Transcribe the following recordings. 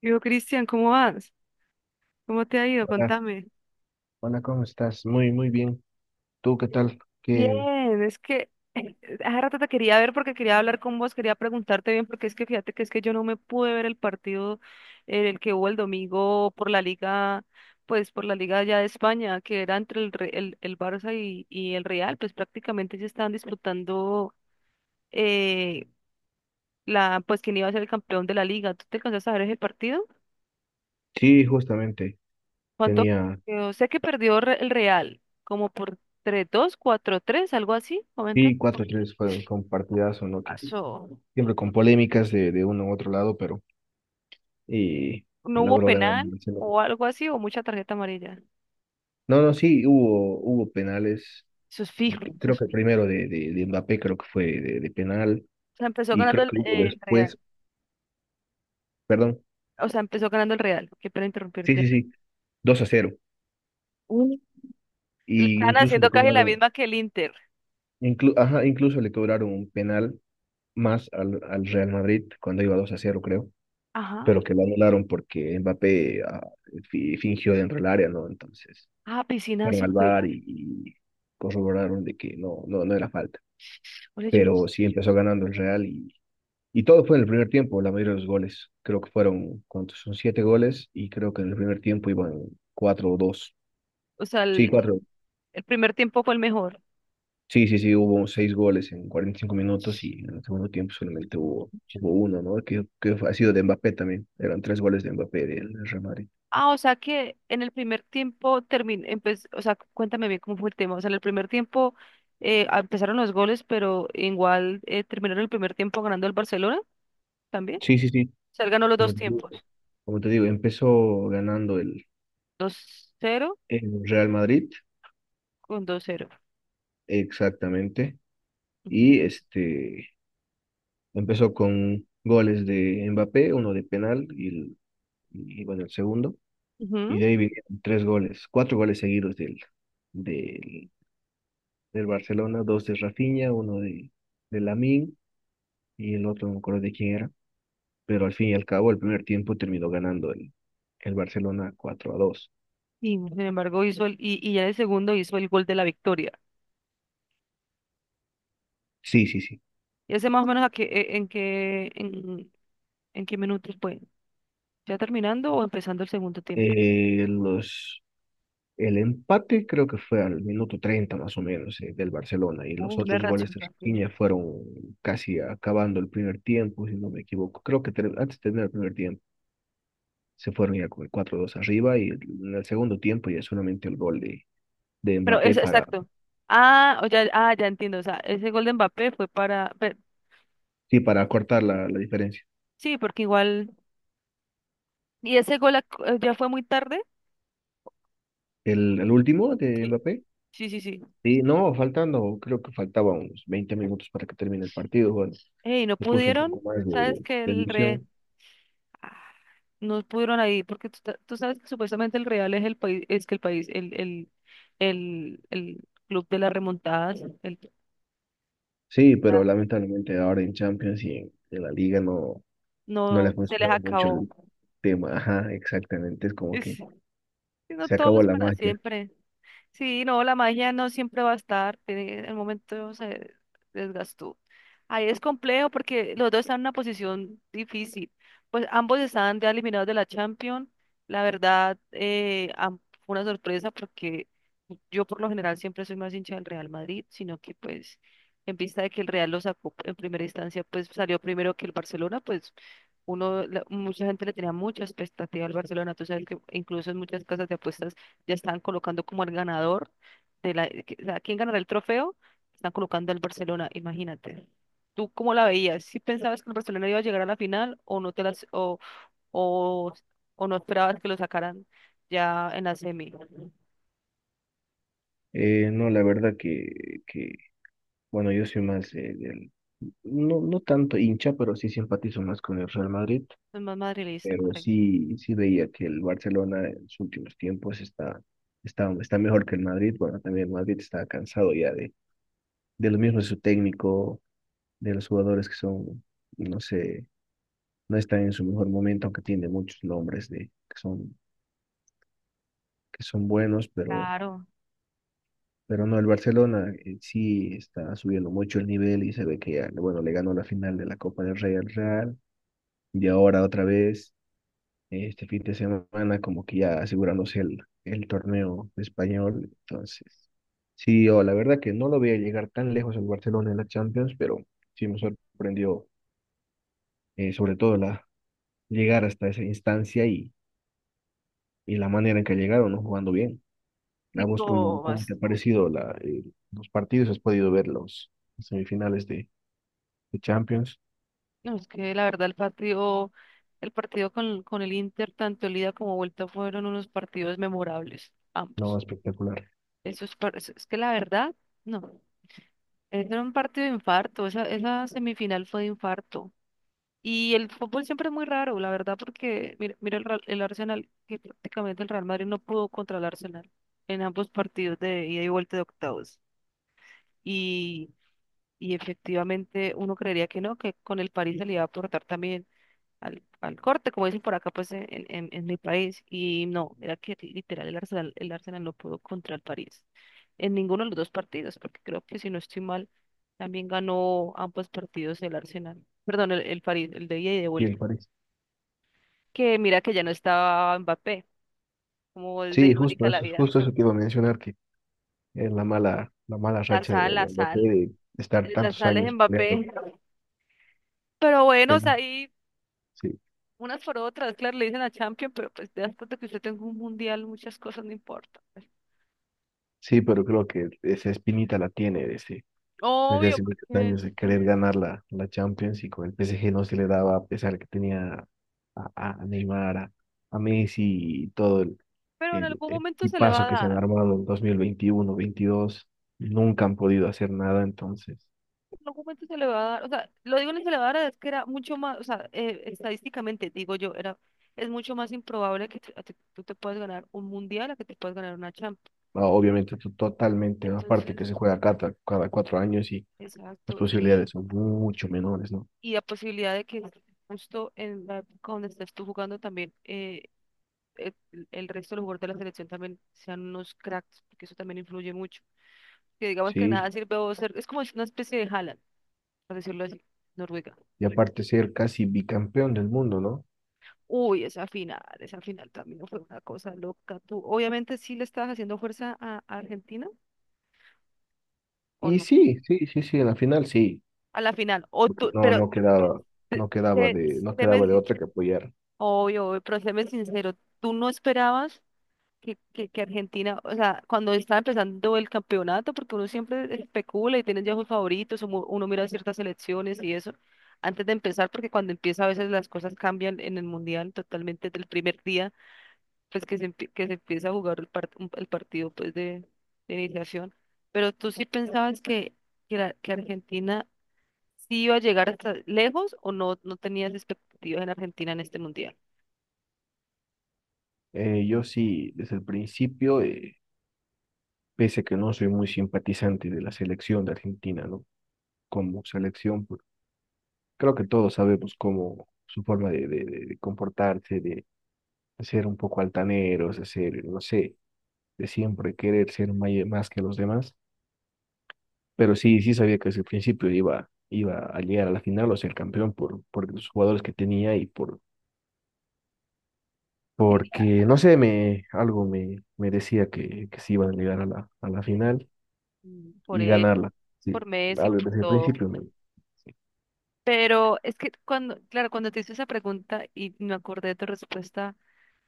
Digo, Cristian, ¿cómo vas? ¿Cómo te ha ido? Hola, Contame. hola, ¿cómo estás? Muy, muy bien. ¿Tú qué tal? Que Bien, es que hace rato te quería ver porque quería hablar con vos, quería preguntarte bien, porque es que fíjate que es que yo no me pude ver el partido en el que hubo el domingo por la liga, pues por la liga ya de España, que era entre el Barça y el Real, pues prácticamente se estaban disputando eh, pues quién iba a ser el campeón de la liga. ¿Tú te alcanzaste a ver ese partido? sí, justamente ¿Cuánto tenía, quedó? Sé que perdió el Real, como por 3 dos cuatro tres, algo así. Comenta. sí, cuatro 3 fue partidazo, ¿no? Ah, Que siempre con polémicas de uno u otro lado, pero y No hubo logró ganar el penal Barcelona. o algo así, o mucha tarjeta amarilla. No, no, sí, hubo penales. Eso es fijo, C- eso Creo es que el fijo. primero de Mbappé creo que fue de penal O sea, empezó y ganando creo el, que hubo eh, el Real. después, perdón, O sea, empezó ganando el Real. Qué pena sí, interrumpirte. sí, sí, 2-0. Mm. Le Y están incluso le haciendo casi la cobraron, misma que el Inter. Ajá, incluso le cobraron un penal más al Real Madrid cuando iba 2-0, creo. Ajá. Pero que lo anularon porque Mbappé fingió dentro del área, ¿no? Entonces Ah, piscina fueron azul. al VAR y corroboraron de que no, no, no era falta. Oye, yo no- Pero sí empezó ganando el Real y todo fue en el primer tiempo, la mayoría de los goles. Creo que fueron, ¿cuántos? Son siete goles y creo que en el primer tiempo iban cuatro o dos. O sea, Sí, el, cuatro. el primer tiempo fue el mejor. Sí, sí, sí, hubo seis goles en 45 minutos y en el segundo tiempo solamente hubo uno, ¿no? Que ha sido de Mbappé también. Eran tres goles de Mbappé del Real Madrid. Ah, o sea que en el primer tiempo o sea, cuéntame bien cómo fue el tema. O sea, en el primer tiempo empezaron los goles, pero igual terminaron el primer tiempo ganando el Barcelona también. Sí, sí, sí. O sea, él ganó los Como dos te digo, tiempos, como te digo, empezó ganando el, dos cero el Real Madrid, con dos cero. exactamente, Ujú. y este empezó con goles de Mbappé, uno de penal y, bueno, el segundo, y Ujú. de ahí vinieron tres goles, cuatro goles seguidos del, del Barcelona, dos de Rafinha, uno de Lamine y el otro no me acuerdo de quién era, pero al fin y al cabo el primer tiempo terminó ganando el Barcelona 4-2. Y sin embargo hizo y ya en el segundo hizo el gol de la victoria. Sí, sí, sí. ¿Y ese más o menos a qué, en qué, en qué minutos fue? ¿Ya terminando o empezando el segundo tiempo? Los El empate creo que fue al minuto 30 más o menos del Barcelona y Hubo los una otros goles reacción de rápida. Rafinha fueron casi acabando el primer tiempo, si no me equivoco. Creo que antes de terminar el primer tiempo se fueron ya con el 4-2 arriba y en el segundo tiempo ya solamente el gol de Bueno, Mbappé es para, exacto. Ah, ya entiendo. O sea, ese gol de Mbappé fue para. Sí, para cortar la diferencia. Sí, porque igual. Y ese gol ya fue muy tarde. El último de Sí, Mbappé, sí, sí, sí. sí, no, faltando, creo que faltaban unos 20 minutos para que termine el partido. Bueno, Ey, no se puso un pudieron. poco más de, Sabes que de el Real ilusión. ah, no pudieron ahí, porque tú sabes que supuestamente el Real es el país, es que el país, el club de las remontadas, Sí, pero Ah. lamentablemente ahora en Champions y en la liga no, no le ha No se les funcionado mucho acabó. el tema. Ajá, exactamente. Es como que Sí, no se todo acabó es la para magia. siempre. Sí, no, la magia no siempre va a estar. En el momento se desgastó. Ahí es complejo porque los dos están en una posición difícil. Pues ambos estaban ya eliminados de la Champions. La verdad, fue una sorpresa porque yo por lo general siempre soy más hincha del Real Madrid, sino que pues en vista de que el Real lo sacó en primera instancia, pues salió primero que el Barcelona, pues uno, mucha gente le tenía mucha expectativa al Barcelona. Tú sabes que incluso en muchas casas de apuestas ya están colocando como el ganador de la, o sea, ¿quién ganará el trofeo? Están colocando al Barcelona, imagínate. ¿Tú cómo la veías, si pensabas que el Barcelona iba a llegar a la final o no te las o, o no esperabas que lo sacaran ya en la semi? No, la verdad que, bueno, yo soy más del, no, no tanto hincha, pero sí simpatizo más con el Real Madrid. Es más madridista, Pero correcto. sí, sí veía que el Barcelona en sus últimos tiempos está mejor que el Madrid. Bueno, también el Madrid está cansado ya de lo mismo de su técnico, de los jugadores que son, no sé no está en su mejor momento, aunque tiene muchos nombres de, que son, que son buenos, pero, Claro. pero no, el Barcelona sí está subiendo mucho el nivel y se ve que ya, bueno, le ganó la final de la Copa del Rey al Real y ahora otra vez, este fin de semana, como que ya asegurándose el torneo español, entonces. Sí, yo la verdad que no lo veía llegar tan lejos el Barcelona en la Champions, pero sí me sorprendió sobre todo la llegar hasta esa instancia y la manera en que llegaron, ¿no? Jugando bien. ¿A Y vos cómo, no cómo te más. ha parecido los partidos? ¿Has podido ver los semifinales de Champions? No, es que la verdad El partido con el Inter, tanto el ida como vuelta, fueron unos partidos memorables, No, ambos. espectacular. Eso es, es que la verdad, no, ese era un partido de infarto, esa semifinal fue de infarto. Y el fútbol siempre es muy raro, la verdad, porque mira, mira el Arsenal, que prácticamente el Real Madrid no pudo contra el Arsenal en ambos partidos de ida y vuelta de octavos. Y, y efectivamente uno creería que no, que con el París se le iba a aportar también al corte, como dicen por acá, pues en mi país. Y no, era que literal el Arsenal no pudo contra el París en ninguno de los dos partidos, porque creo que si no estoy mal, también ganó ambos partidos el Arsenal, perdón, el París, el de ida y de Sí, vuelta. el París. Que mira que ya no estaba Mbappé, como es de Sí, irónica la vida. justo eso que iba a mencionar, que es la mala La racha de, sal, la de Mbappé sal, de estar la tantos sal es años peleando. Mbappé. Pero bueno, o sea, pele- ahí Sí, unas por otras, claro, le dicen a Champions, pero pues te das cuenta que usted tenga un mundial, muchas cosas no importan. sí, pero creo que esa espinita la tiene desde Obvio, hace muchos porque, años de querer ganar la Champions y con el PSG no se le daba a pesar que tenía a, a Neymar, a Messi y todo, el, pero en el algún momento se le va equipazo a que se han dar. armado en 2021-2022 nunca han podido hacer nada, entonces, En algún momento se le va a dar. O sea, lo digo en se le va a dar es que era mucho más, o sea, estadísticamente, digo yo, es mucho más improbable que tú te puedas ganar un mundial a que te puedas ganar una Champions. ah, obviamente totalmente, ¿no? Aparte que se Entonces, juega cada 4 años y las exacto. posibilidades Y, son mucho menores, ¿no? y la posibilidad de que justo en la época donde estés tú jugando también, el, el resto de los jugadores de la selección también sean unos cracks, porque eso también influye mucho. Que digamos que nada Sí, sirve o ser, es como una especie de Haaland, por decirlo así, Noruega. y aparte ser casi bicampeón del mundo, ¿no? Uy, esa final también fue una cosa loca. Tú, obviamente, sí le estabas haciendo fuerza a Argentina o Y no, sí, sí, sí, sí, en la final sí, a la final. O porque tú, no, pero no quedaba, no quedaba sé- de, no séme quedaba de sin- otra que apoyar. obvio, obvio, pero séme sincero, tú no esperabas que Argentina, o sea, cuando estaba empezando el campeonato, porque uno siempre especula y tiene ya sus favoritos, uno mira ciertas selecciones y eso. Antes de empezar, porque cuando empieza a veces las cosas cambian en el mundial totalmente del primer día pues que se empieza a jugar el partido pues de iniciación. Pero tú sí pensabas que Argentina sí iba a llegar hasta lejos o no, no tenías expectativas en Argentina en este mundial. Yo sí, desde el principio, pese a que no soy muy simpatizante de la selección de Argentina, ¿no? Como selección, creo que todos sabemos cómo su forma de comportarse, de ser un poco altaneros, de ser, no sé, de siempre querer ser más que los demás. Pero sí, sí sabía que desde el principio iba a llegar a la final o ser campeón por los jugadores que tenía y por, porque, no sé, me, algo me decía que sí iban a llegar a la final Mm, por y él, ganarla. Sí, por Messi, algo por desde el todo. principio me... Pero es que cuando, claro, cuando te hice esa pregunta y me acordé de tu respuesta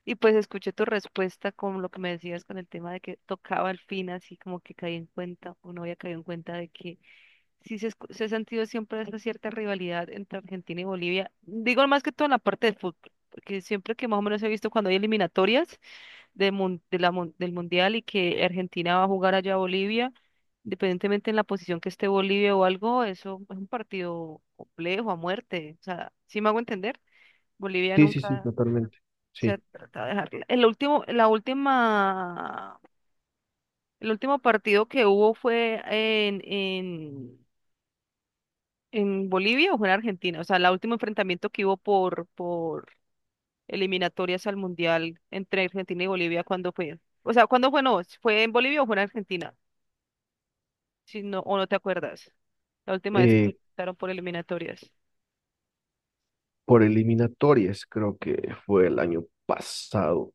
y pues escuché tu respuesta con lo que me decías con el tema de que tocaba al fin, así como que caí en cuenta o no había caído en cuenta de que sí se ha sentido siempre esa cierta rivalidad entre Argentina y Bolivia. Digo más que todo en la parte del fútbol, porque siempre que más o menos he visto cuando hay eliminatorias de mun- de la mun- del Mundial y que Argentina va a jugar allá a Bolivia, independientemente en la posición que esté Bolivia o algo, eso es un partido complejo a muerte. O sea, ¿sí me hago entender? Bolivia Sí, sí, sí, nunca totalmente. se ha Sí. tratado de dejarla. El último partido que hubo fue en Bolivia o fue en Argentina. O sea, el último enfrentamiento que hubo por eliminatorias al Mundial entre Argentina y Bolivia, ¿cuándo fue? O sea, ¿cuándo fue? No, ¿fue en Bolivia o fue en Argentina? Si no, o no te acuerdas. La última vez que Eh, estaron por eliminatorias. por eliminatorias, creo que fue el año pasado,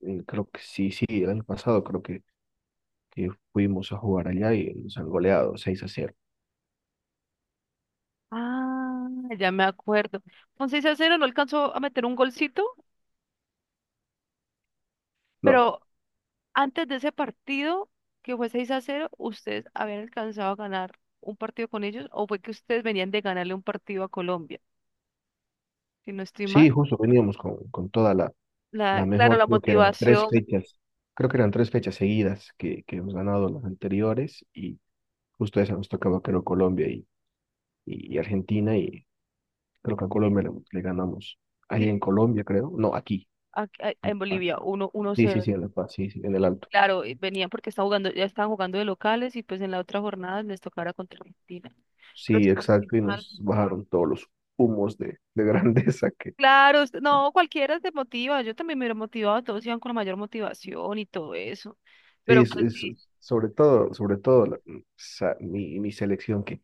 mm, creo que sí, sí, el año pasado creo que fuimos a jugar allá y nos han goleado 6 a cero. Ah, ya me acuerdo. Con 6 a cero, no alcanzó a meter un golcito, No, pero antes de ese partido, que fue 6 a cero, ¿ustedes habían alcanzado a ganar un partido con ellos o fue que ustedes venían de ganarle un partido a Colombia? Si no estoy sí, mal. justo veníamos con toda la La, claro, mejor, la motivación creo que eran tres fechas seguidas que hemos ganado las anteriores y justo esa nos tocaba, creo, Colombia y Argentina y creo que a Colombia le ganamos allá en sí, Colombia, creo, no, aquí, en en La Paz. Bolivia, uno Sí, sí, 0. sí, en La Paz, sí, sí, en el Alto. Claro, y venían porque estaban jugando, ya estaban jugando de locales y pues en la otra jornada les tocara contra Argentina. Pero Sí, si no estoy exacto, y mal, nos bajaron todos los humos de grandeza que Claro, no, cualquiera se motiva. Yo también me hubiera motivado, todos iban con la mayor motivación y todo eso. sí, Pero es, pues es- sí, sobre todo, sobre todo mi selección que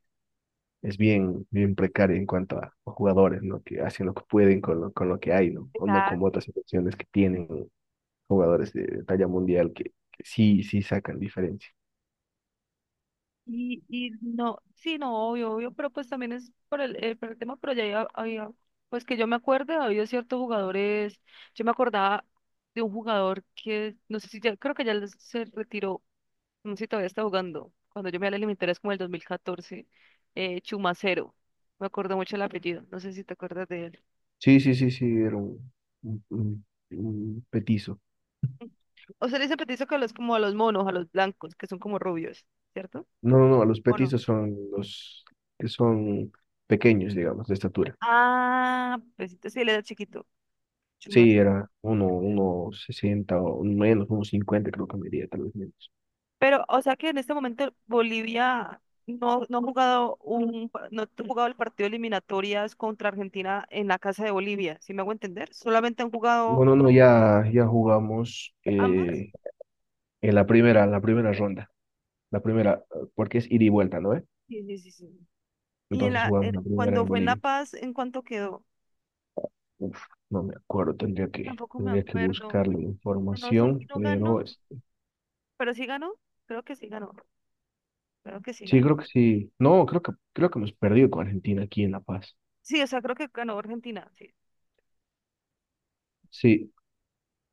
es bien, bien precaria en cuanto a jugadores, ¿no? Que hacen lo que pueden con lo que hay, ¿no? O no como otras selecciones que tienen jugadores de talla mundial que sí, sí sacan diferencia. y no, sí, no, obvio, obvio, pero pues también es por el tema, pero ya había, pues que yo me acuerde, ha habido ciertos jugadores, yo me acordaba de un jugador que, no sé si ya, creo que ya se retiró, no sé si todavía está jugando, cuando yo me alejé militar es como el 2014, Chumacero, me acuerdo mucho el apellido, no sé si te acuerdas de él. Sí, sí, sí, sí, era un, un- un petizo. O sea, le dice petiso que a los, como a los monos, a los blancos, que son como rubios, ¿cierto? No, no, no, los ¿O no? petizos son los que son pequeños, digamos, de estatura. Ah, pues entonces sí, él era chiquito, Sí, era uno sesenta o menos, unos cincuenta creo que medía, tal vez menos. pero, o sea que en este momento Bolivia no, no ha jugado el partido de eliminatorias contra Argentina en la casa de Bolivia, ¿si me hago entender? Solamente han No, jugado no, no, ya jugamos ambas. En la primera ronda, porque es ida y vuelta, ¿no? Sí, sí, sí, sí. Y Entonces jugamos la primera cuando en fue en La Bolivia. Paz, ¿en cuánto quedó? Uf, no me acuerdo, Tampoco me tendría que acuerdo. buscar la Pero no sé si información, no pero ganó, pero sí ganó. Creo que sí ganó. Creo que sí sí, ganó. creo que sí. No, creo que hemos perdido con Argentina aquí en La Paz. Sí, o sea, creo que ganó Argentina. Sí. Sí,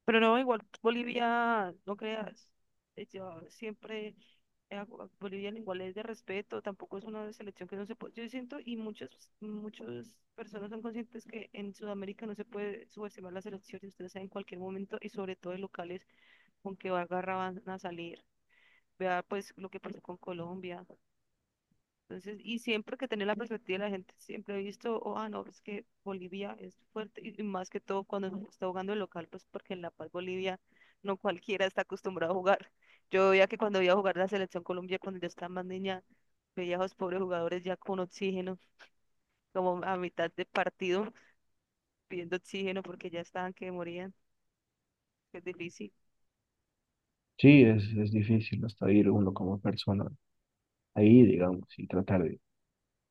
Pero no, igual Bolivia, no creas, yo siempre, a Bolivia igual es de respeto, tampoco es una selección que no se puede, yo siento, y muchas personas son conscientes que en Sudamérica no se puede subestimar la selección, y ustedes saben en cualquier momento, y sobre todo en locales con que agarra van a salir, vea pues lo que pasó con Colombia, entonces, y siempre que tenía la perspectiva de la gente, siempre he visto, oh, ah, no, es que Bolivia es fuerte, y más que todo cuando se está jugando el local, pues porque en La Paz, Bolivia, no cualquiera está acostumbrado a jugar. Yo veía que cuando iba a jugar la selección Colombia, cuando yo estaba más niña, veía a los pobres jugadores ya con oxígeno, como a mitad de partido, pidiendo oxígeno porque ya estaban que morían, que es difícil. sí, es difícil hasta ir uno como persona ahí, digamos, y tratar de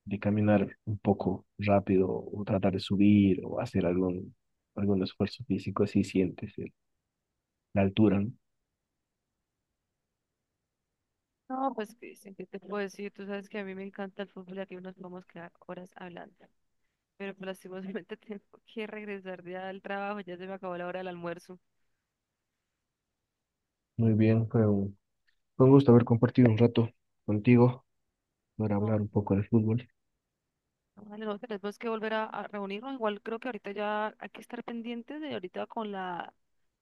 de caminar un poco rápido o tratar de subir o hacer algún esfuerzo físico, así sientes la altura, ¿no? No, pues, Cristian, ¿qué te puedo decir? Tú sabes que a mí me encanta el fútbol y aquí nos podemos quedar horas hablando, pero pues, lastimosamente tengo que regresar ya al trabajo, ya se me acabó la hora del almuerzo. Muy bien, fue un gusto haber compartido un rato contigo para hablar No, un poco de fútbol. no, vale, no, tenemos que volver a reunirnos. Igual creo que ahorita ya hay que estar pendientes de ahorita con la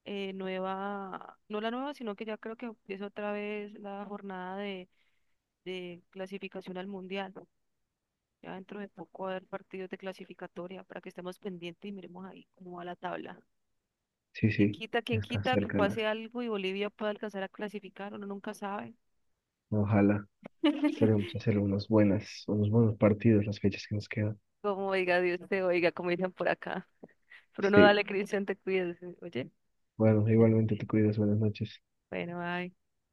nueva, no la nueva, sino que ya creo que empieza otra vez la jornada de clasificación al mundial. Ya dentro de poco va a haber partidos de clasificatoria para que estemos pendientes y miremos ahí cómo va la tabla. Sí, sí, ya Quién está quita que cerca pase las. algo y Bolivia pueda alcanzar a clasificar? Uno nunca sabe. Ojalá, esperemos hacer unas buenas, unos buenos partidos las fechas que nos quedan. Como oiga, Dios te oiga, como dicen por acá. Pero no Sí, dale, Cristian, te cuides. Oye, bueno, ya, igualmente te cuidas, buenas noches. bueno, ay.